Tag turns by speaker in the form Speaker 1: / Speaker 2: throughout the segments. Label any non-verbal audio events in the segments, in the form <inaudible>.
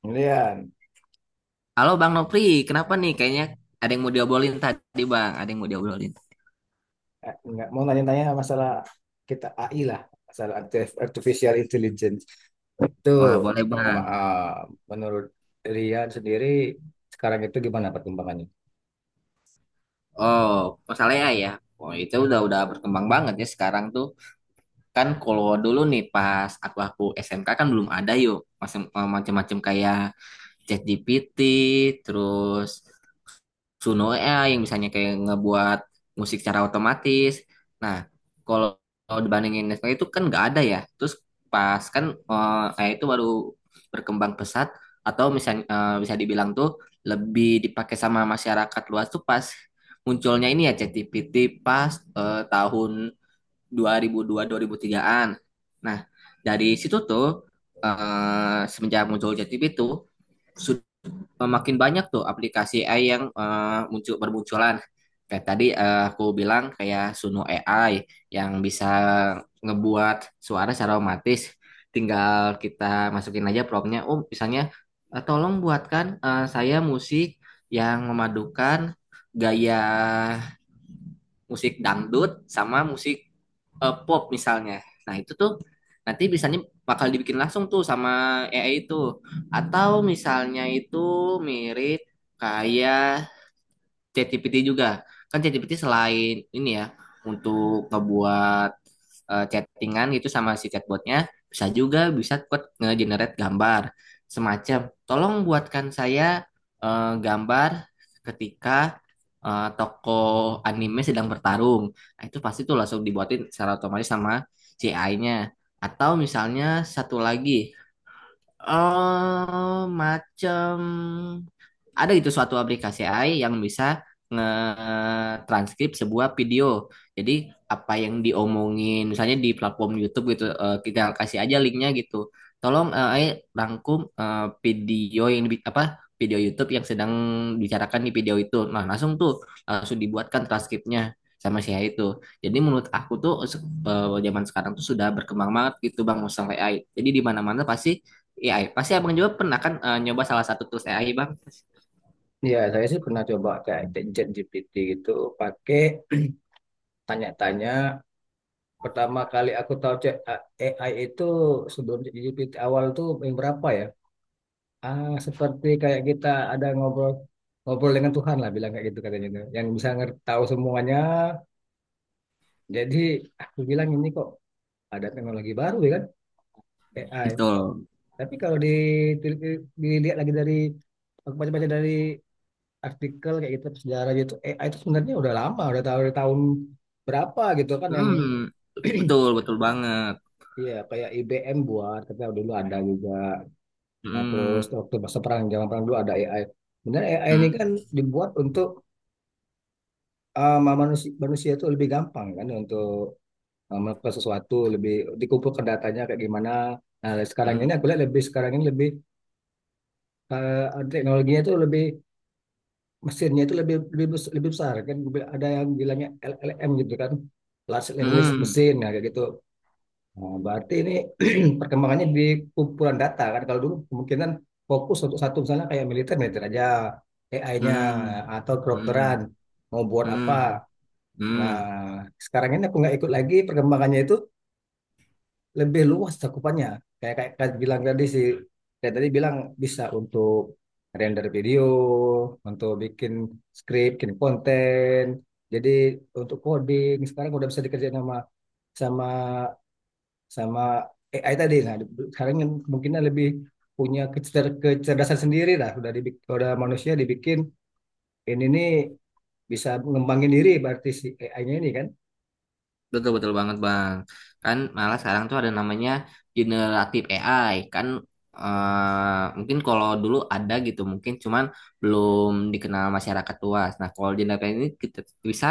Speaker 1: Kemudian,
Speaker 2: Halo Bang Nopri, kenapa nih? Kayaknya ada yang mau diobrolin tadi Bang, ada yang mau diobrolin.
Speaker 1: nggak mau nanya-nanya masalah kita AI lah, masalah artificial intelligence. Itu
Speaker 2: Wah boleh Bang.
Speaker 1: ma- eh, menurut Rian sendiri sekarang itu gimana perkembangannya?
Speaker 2: Oh, masalahnya ya. Oh, itu udah berkembang banget ya sekarang tuh. Kan kalau dulu nih pas aku SMK kan belum ada yuk. Macem-macem kayak ChatGPT, terus Suno AI yang misalnya kayak ngebuat musik secara otomatis. Nah, kalau kalau dibandingin Netflix itu kan nggak ada ya. Terus pas kan AI itu baru berkembang pesat, atau misalnya bisa dibilang tuh lebih dipakai sama masyarakat luas tuh pas munculnya ini ya ChatGPT pas tahun 2002-2003-an. Nah, dari situ tuh semenjak muncul ChatGPT tuh makin banyak tuh aplikasi AI yang muncul bermunculan. Kayak tadi aku bilang kayak Suno AI yang bisa ngebuat suara secara otomatis. Tinggal kita masukin aja promptnya. Oh, misalnya tolong buatkan saya musik yang memadukan gaya musik dangdut sama musik pop misalnya. Nah, itu tuh nanti bisanya bakal dibikin langsung tuh sama AI itu. Atau misalnya itu mirip kayak ChatGPT juga. Kan ChatGPT selain ini ya untuk ngebuat chattingan gitu sama si chatbotnya, bisa juga bisa buat nge-generate gambar semacam tolong buatkan saya gambar ketika tokoh anime sedang bertarung. Nah, itu pasti tuh langsung dibuatin secara otomatis sama CI-nya. Atau misalnya satu lagi macam ada gitu suatu aplikasi AI yang bisa nge-transkrip sebuah video. Jadi apa yang diomongin misalnya di platform YouTube gitu kita kasih aja linknya gitu. Tolong AI rangkum video yang di, apa video YouTube yang sedang dibicarakan di video itu. Nah, langsung dibuatkan transkripnya sama si AI itu. Jadi menurut aku tuh zaman sekarang tuh sudah berkembang banget gitu Bang Musang AI. Jadi di mana-mana pasti AI. Pasti Abang juga pernah kan nyoba salah satu tools AI, Bang?
Speaker 1: Ya, saya sih pernah coba kayak chat GPT gitu, pakai tanya-tanya. Pertama kali aku tahu chat AI itu sebelum GPT awal tuh yang berapa ya? Ah, seperti kayak kita ada ngobrol ngobrol dengan Tuhan lah bilang kayak gitu katanya itu. Yang bisa ngerti tahu semuanya. Jadi aku bilang ini kok ada teknologi baru ya kan, AI.
Speaker 2: Betul.
Speaker 1: Tapi kalau dilihat lagi dari aku baca-baca dari artikel kayak gitu sejarah gitu, AI itu sebenarnya udah lama, udah tahu dari tahun berapa gitu kan yang
Speaker 2: Hmm.
Speaker 1: <clears throat>
Speaker 2: Betul, betul banget.
Speaker 1: iya, kayak IBM buat, kita dulu ada juga. Nah,
Speaker 2: Hmm.
Speaker 1: terus waktu masa perang, zaman perang dulu ada AI. Benar AI ini
Speaker 2: Hmm.
Speaker 1: kan dibuat untuk, manusia, manusia itu lebih gampang kan untuk, ke sesuatu lebih dikumpulkan datanya kayak gimana. Nah, sekarang ini aku
Speaker 2: Hmm.
Speaker 1: lihat lebih, sekarang ini lebih teknologinya itu lebih, mesinnya itu lebih lebih lebih besar kan, ada yang bilangnya LLM gitu kan, large language
Speaker 2: Hmm.
Speaker 1: machine ya kayak gitu. Nah, berarti ini <clears throat> perkembangannya di kumpulan data kan, kalau dulu kemungkinan fokus untuk satu misalnya kayak militer militer aja AI-nya,
Speaker 2: Hmm.
Speaker 1: atau
Speaker 2: Hmm.
Speaker 1: kedokteran mau buat apa.
Speaker 2: Hmm. Hmm.
Speaker 1: Nah,
Speaker 2: Hmm.
Speaker 1: sekarang ini aku nggak ikut lagi perkembangannya itu, lebih luas cakupannya. Kayak kayak, kayak bilang tadi sih, kayak tadi bilang bisa untuk render video, untuk bikin script, bikin konten. Jadi untuk coding sekarang udah bisa dikerjain sama sama sama AI tadi. Nah, sekarang yang kemungkinan lebih punya kecerdasan sendiri lah. Udah dibikin, udah manusia dibikin ini nih, bisa mengembangin diri berarti si AI-nya ini kan.
Speaker 2: Betul, betul banget bang. Kan malah sekarang tuh ada namanya generatif AI. Kan mungkin kalau dulu ada gitu, mungkin cuman belum dikenal masyarakat luas. Nah kalau generatif ini kita bisa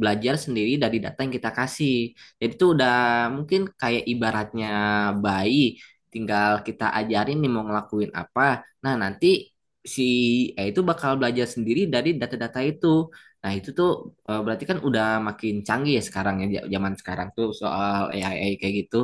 Speaker 2: belajar sendiri dari data yang kita kasih. Jadi tuh udah mungkin kayak ibaratnya bayi, tinggal kita ajarin nih mau ngelakuin apa. Nah nanti si AI itu bakal belajar sendiri dari data-data itu. Nah, itu tuh berarti kan udah makin canggih ya sekarang ya zaman sekarang tuh soal AI kayak gitu.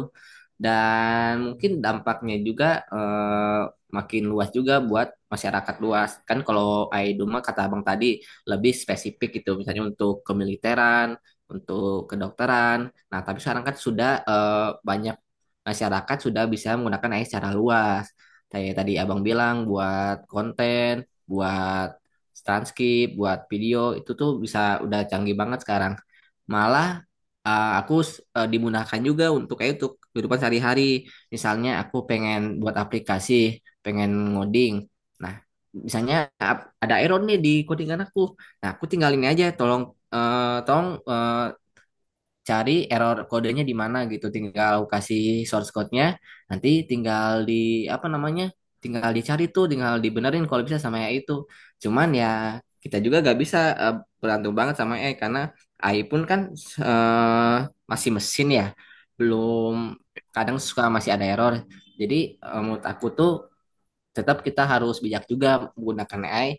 Speaker 2: Dan mungkin dampaknya juga eh, makin luas juga buat masyarakat luas. Kan kalau AI Duma kata Abang tadi lebih spesifik gitu misalnya untuk kemiliteran, untuk kedokteran. Nah, tapi sekarang kan sudah banyak masyarakat sudah bisa menggunakan AI secara luas. Kayak tadi Abang bilang buat konten, buat Stanscape, buat video itu tuh bisa udah canggih banget sekarang. Malah aku dimudahkan juga untuk kayak itu kehidupan sehari-hari. Misalnya aku pengen buat aplikasi, pengen ngoding. Nah, misalnya ada error nih di codingan aku. Nah, aku tinggal ini aja, tolong eh, tolong eh, cari error kodenya di mana gitu, tinggal aku kasih source code-nya, nanti tinggal di apa namanya, tinggal dicari tuh, tinggal dibenerin kalau bisa sama AI itu. Cuman ya kita juga gak bisa bergantung banget sama AI, karena AI pun kan eh, masih mesin ya, belum, kadang suka masih ada error. Jadi menurut aku tuh tetap kita harus bijak juga menggunakan AI,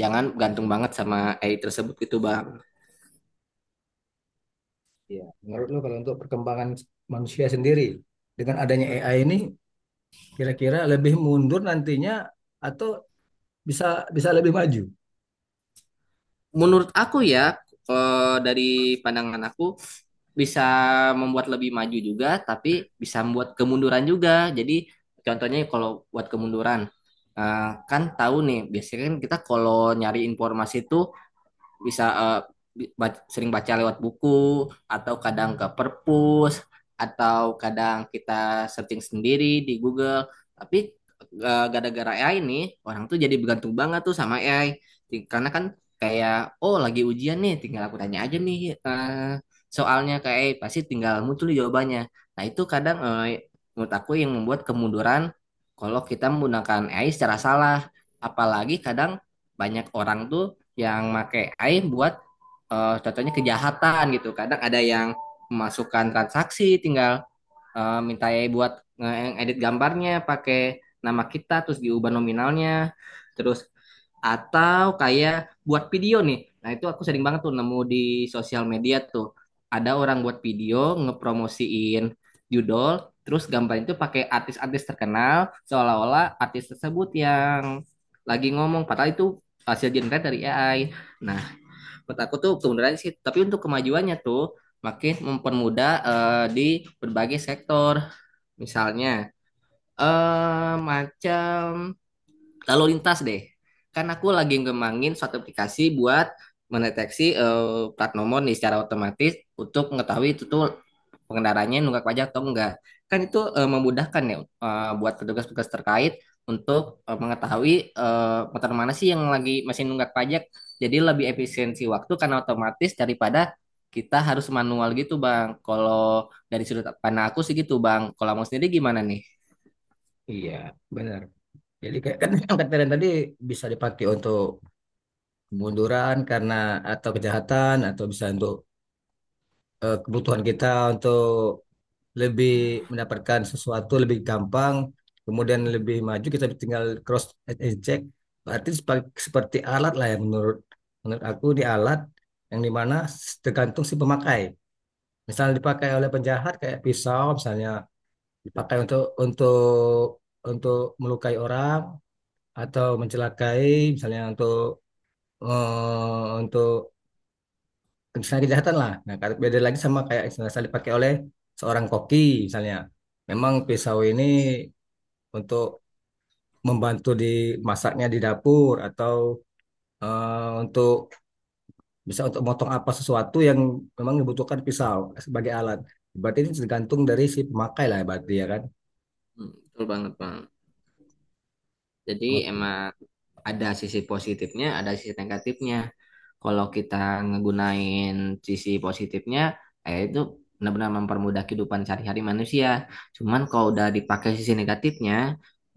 Speaker 2: jangan gantung banget sama AI tersebut gitu bang.
Speaker 1: Iya, menurut lo kalau untuk perkembangan manusia sendiri dengan adanya AI ini, kira-kira lebih mundur nantinya, atau bisa bisa lebih maju?
Speaker 2: Menurut aku ya dari pandangan aku bisa membuat lebih maju juga tapi bisa membuat kemunduran juga. Jadi contohnya kalau buat kemunduran, kan tahu nih biasanya kan kita kalau nyari informasi itu bisa sering baca lewat buku, atau kadang ke perpus, atau kadang kita searching sendiri di Google. Tapi gara-gara AI ini orang tuh jadi bergantung banget tuh sama AI. Karena kan kayak oh lagi ujian nih, tinggal aku tanya aja nih soalnya ke AI pasti tinggal muncul jawabannya. Nah itu kadang menurut aku yang membuat kemunduran, kalau kita menggunakan AI secara salah. Apalagi kadang banyak orang tuh yang pakai AI buat contohnya kejahatan gitu. Kadang ada yang memasukkan transaksi, tinggal minta AI buat edit gambarnya pakai nama kita terus diubah nominalnya. Terus atau kayak buat video nih, nah itu aku sering banget tuh nemu di sosial media tuh. Ada orang buat video ngepromosiin judol terus gambar itu pakai artis-artis terkenal, seolah-olah artis tersebut yang lagi ngomong padahal itu hasil generate dari AI. Nah menurut aku tuh kemudahan sih, tapi untuk kemajuannya tuh makin mempermudah di berbagai sektor. Misalnya, macam lalu lintas deh. Kan aku lagi ngembangin suatu aplikasi buat mendeteksi plat nomor nih secara otomatis, untuk mengetahui itu tuh pengendaranya nunggak pajak atau enggak. Kan itu memudahkan ya buat petugas-petugas terkait untuk mengetahui motor mana sih yang lagi masih nunggak pajak. Jadi lebih efisiensi waktu karena otomatis daripada kita harus manual gitu, Bang. Kalau dari sudut pandang aku sih gitu, Bang. Kalau mau sendiri gimana nih?
Speaker 1: Iya, benar. Jadi kayak kan yang kata Rian tadi, bisa dipakai untuk kemunduran karena atau kejahatan, atau bisa untuk kebutuhan kita untuk lebih mendapatkan sesuatu lebih gampang, kemudian lebih maju kita tinggal cross and check. Berarti seperti alat lah ya, menurut menurut aku di alat yang dimana tergantung si pemakai. Misalnya dipakai oleh penjahat kayak pisau, misalnya dipakai untuk untuk melukai orang atau mencelakai, misalnya untuk, untuk misalnya kejahatan lah. Nah, beda lagi sama kayak istilah dipakai oleh seorang koki misalnya. Memang pisau ini untuk membantu di masaknya di dapur, atau untuk bisa untuk motong apa sesuatu yang memang dibutuhkan pisau sebagai alat. Berarti ini tergantung dari si pemakai lah berarti ya kan.
Speaker 2: Hmm. Betul banget, Bang. Jadi
Speaker 1: Oke.
Speaker 2: emang ada sisi positifnya, ada sisi negatifnya. Kalau kita ngegunain sisi positifnya, itu benar-benar mempermudah kehidupan sehari-hari manusia. Cuman kalau udah dipakai sisi negatifnya,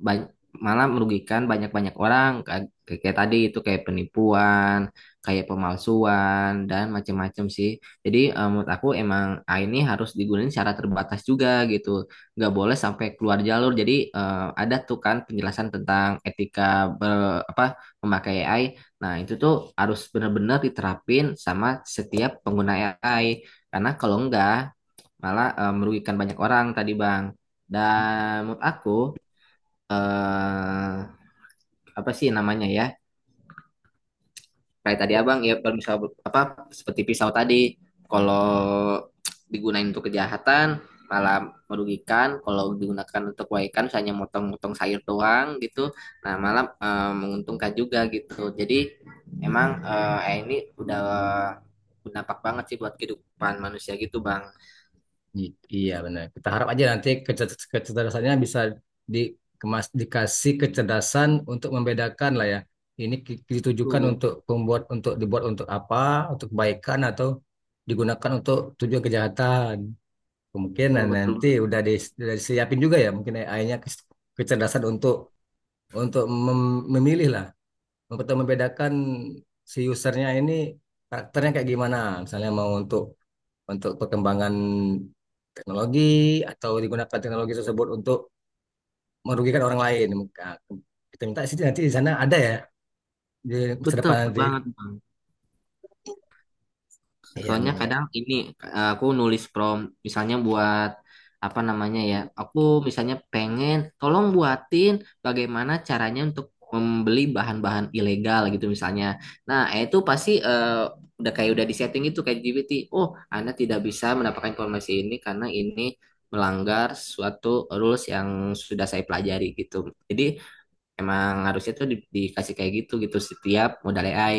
Speaker 2: ba- malah merugikan banyak-banyak orang, kayak, kayak tadi itu kayak penipuan, kayak pemalsuan dan macam-macam sih. Jadi menurut aku emang AI ini harus digunain secara terbatas juga gitu, nggak boleh sampai keluar jalur. Jadi ada tuh kan penjelasan tentang etika ber, apa memakai AI. Nah, itu tuh harus benar-benar diterapin sama setiap pengguna AI. Karena kalau enggak, malah merugikan banyak orang tadi, Bang. Dan menurut aku, eh, apa sih namanya ya? Kayak tadi abang ya, kalau misal apa, seperti pisau tadi, kalau digunain untuk kejahatan malah merugikan, kalau digunakan untuk kebaikan misalnya motong-motong sayur doang gitu, nah malah menguntungkan juga gitu. Jadi emang ini udah berdampak banget sih buat kehidupan manusia gitu bang.
Speaker 1: Iya benar. Kita harap aja nanti kecerdasannya bisa dikemas dikasih kecerdasan untuk membedakan lah ya. Ini ditujukan
Speaker 2: Tuh.
Speaker 1: untuk pembuat untuk dibuat untuk apa, untuk kebaikan atau digunakan untuk tujuan kejahatan.
Speaker 2: Tuh
Speaker 1: Kemungkinan
Speaker 2: betul.
Speaker 1: nanti udah disiapin juga ya mungkin AI-nya kecerdasan untuk memilih lah, untuk membedakan si usernya ini karakternya kayak gimana. Misalnya mau untuk perkembangan teknologi, atau digunakan teknologi tersebut untuk merugikan orang lain. Maka kita minta sih nanti di sana ada ya, di masa
Speaker 2: Betul,
Speaker 1: depan
Speaker 2: betul
Speaker 1: nanti.
Speaker 2: banget bang.
Speaker 1: Iya
Speaker 2: Soalnya
Speaker 1: benar-benar.
Speaker 2: kadang ini aku nulis prompt misalnya buat apa namanya ya. Aku misalnya pengen tolong buatin bagaimana caranya untuk membeli bahan-bahan ilegal gitu misalnya. Nah, itu pasti udah kayak udah di setting itu kayak GPT. Oh, Anda tidak bisa mendapatkan informasi ini karena ini melanggar suatu rules yang sudah saya pelajari gitu. Jadi emang harusnya tuh dikasih kayak gitu gitu setiap modal AI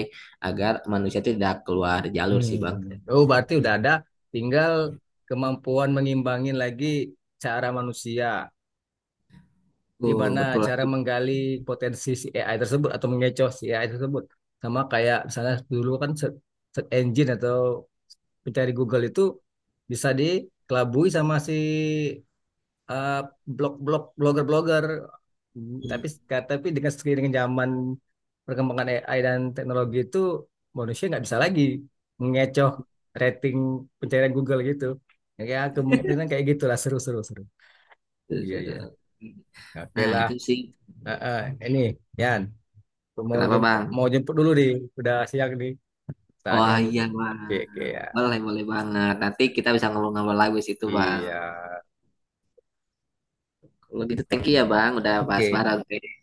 Speaker 2: agar manusia itu tidak keluar jalur sih Bang.
Speaker 1: Hmm. Oh berarti udah ada, tinggal kemampuan mengimbangin lagi cara manusia.
Speaker 2: Betul,
Speaker 1: Gimana
Speaker 2: betul
Speaker 1: cara
Speaker 2: lagi.
Speaker 1: menggali potensi si AI tersebut atau mengecoh si AI tersebut. Sama kayak misalnya dulu kan search, engine atau pencari Google itu bisa dikelabui sama si eh, blog-blog, blogger-blogger, tapi tapi dengan seiring dengan zaman perkembangan AI dan teknologi itu manusia nggak bisa lagi mengecoh rating pencarian Google gitu. Ya kemungkinan kayak gitulah, seru. Iya iya. Oke
Speaker 2: Nah,
Speaker 1: lah.
Speaker 2: itu sih.
Speaker 1: Heeh. Ini Yan mau
Speaker 2: Kenapa, Bang?
Speaker 1: mau jemput dulu nih. Udah siang nih. Tanya
Speaker 2: Wah, iya,
Speaker 1: jemput. Oke oke
Speaker 2: Bang.
Speaker 1: ya.
Speaker 2: Boleh, boleh banget. Nanti kita bisa ngobrol-ngobrol lagi situ, Bang.
Speaker 1: Iya.
Speaker 2: Kalau gitu, thank you ya, Bang. Udah bahas
Speaker 1: Oke.
Speaker 2: bareng.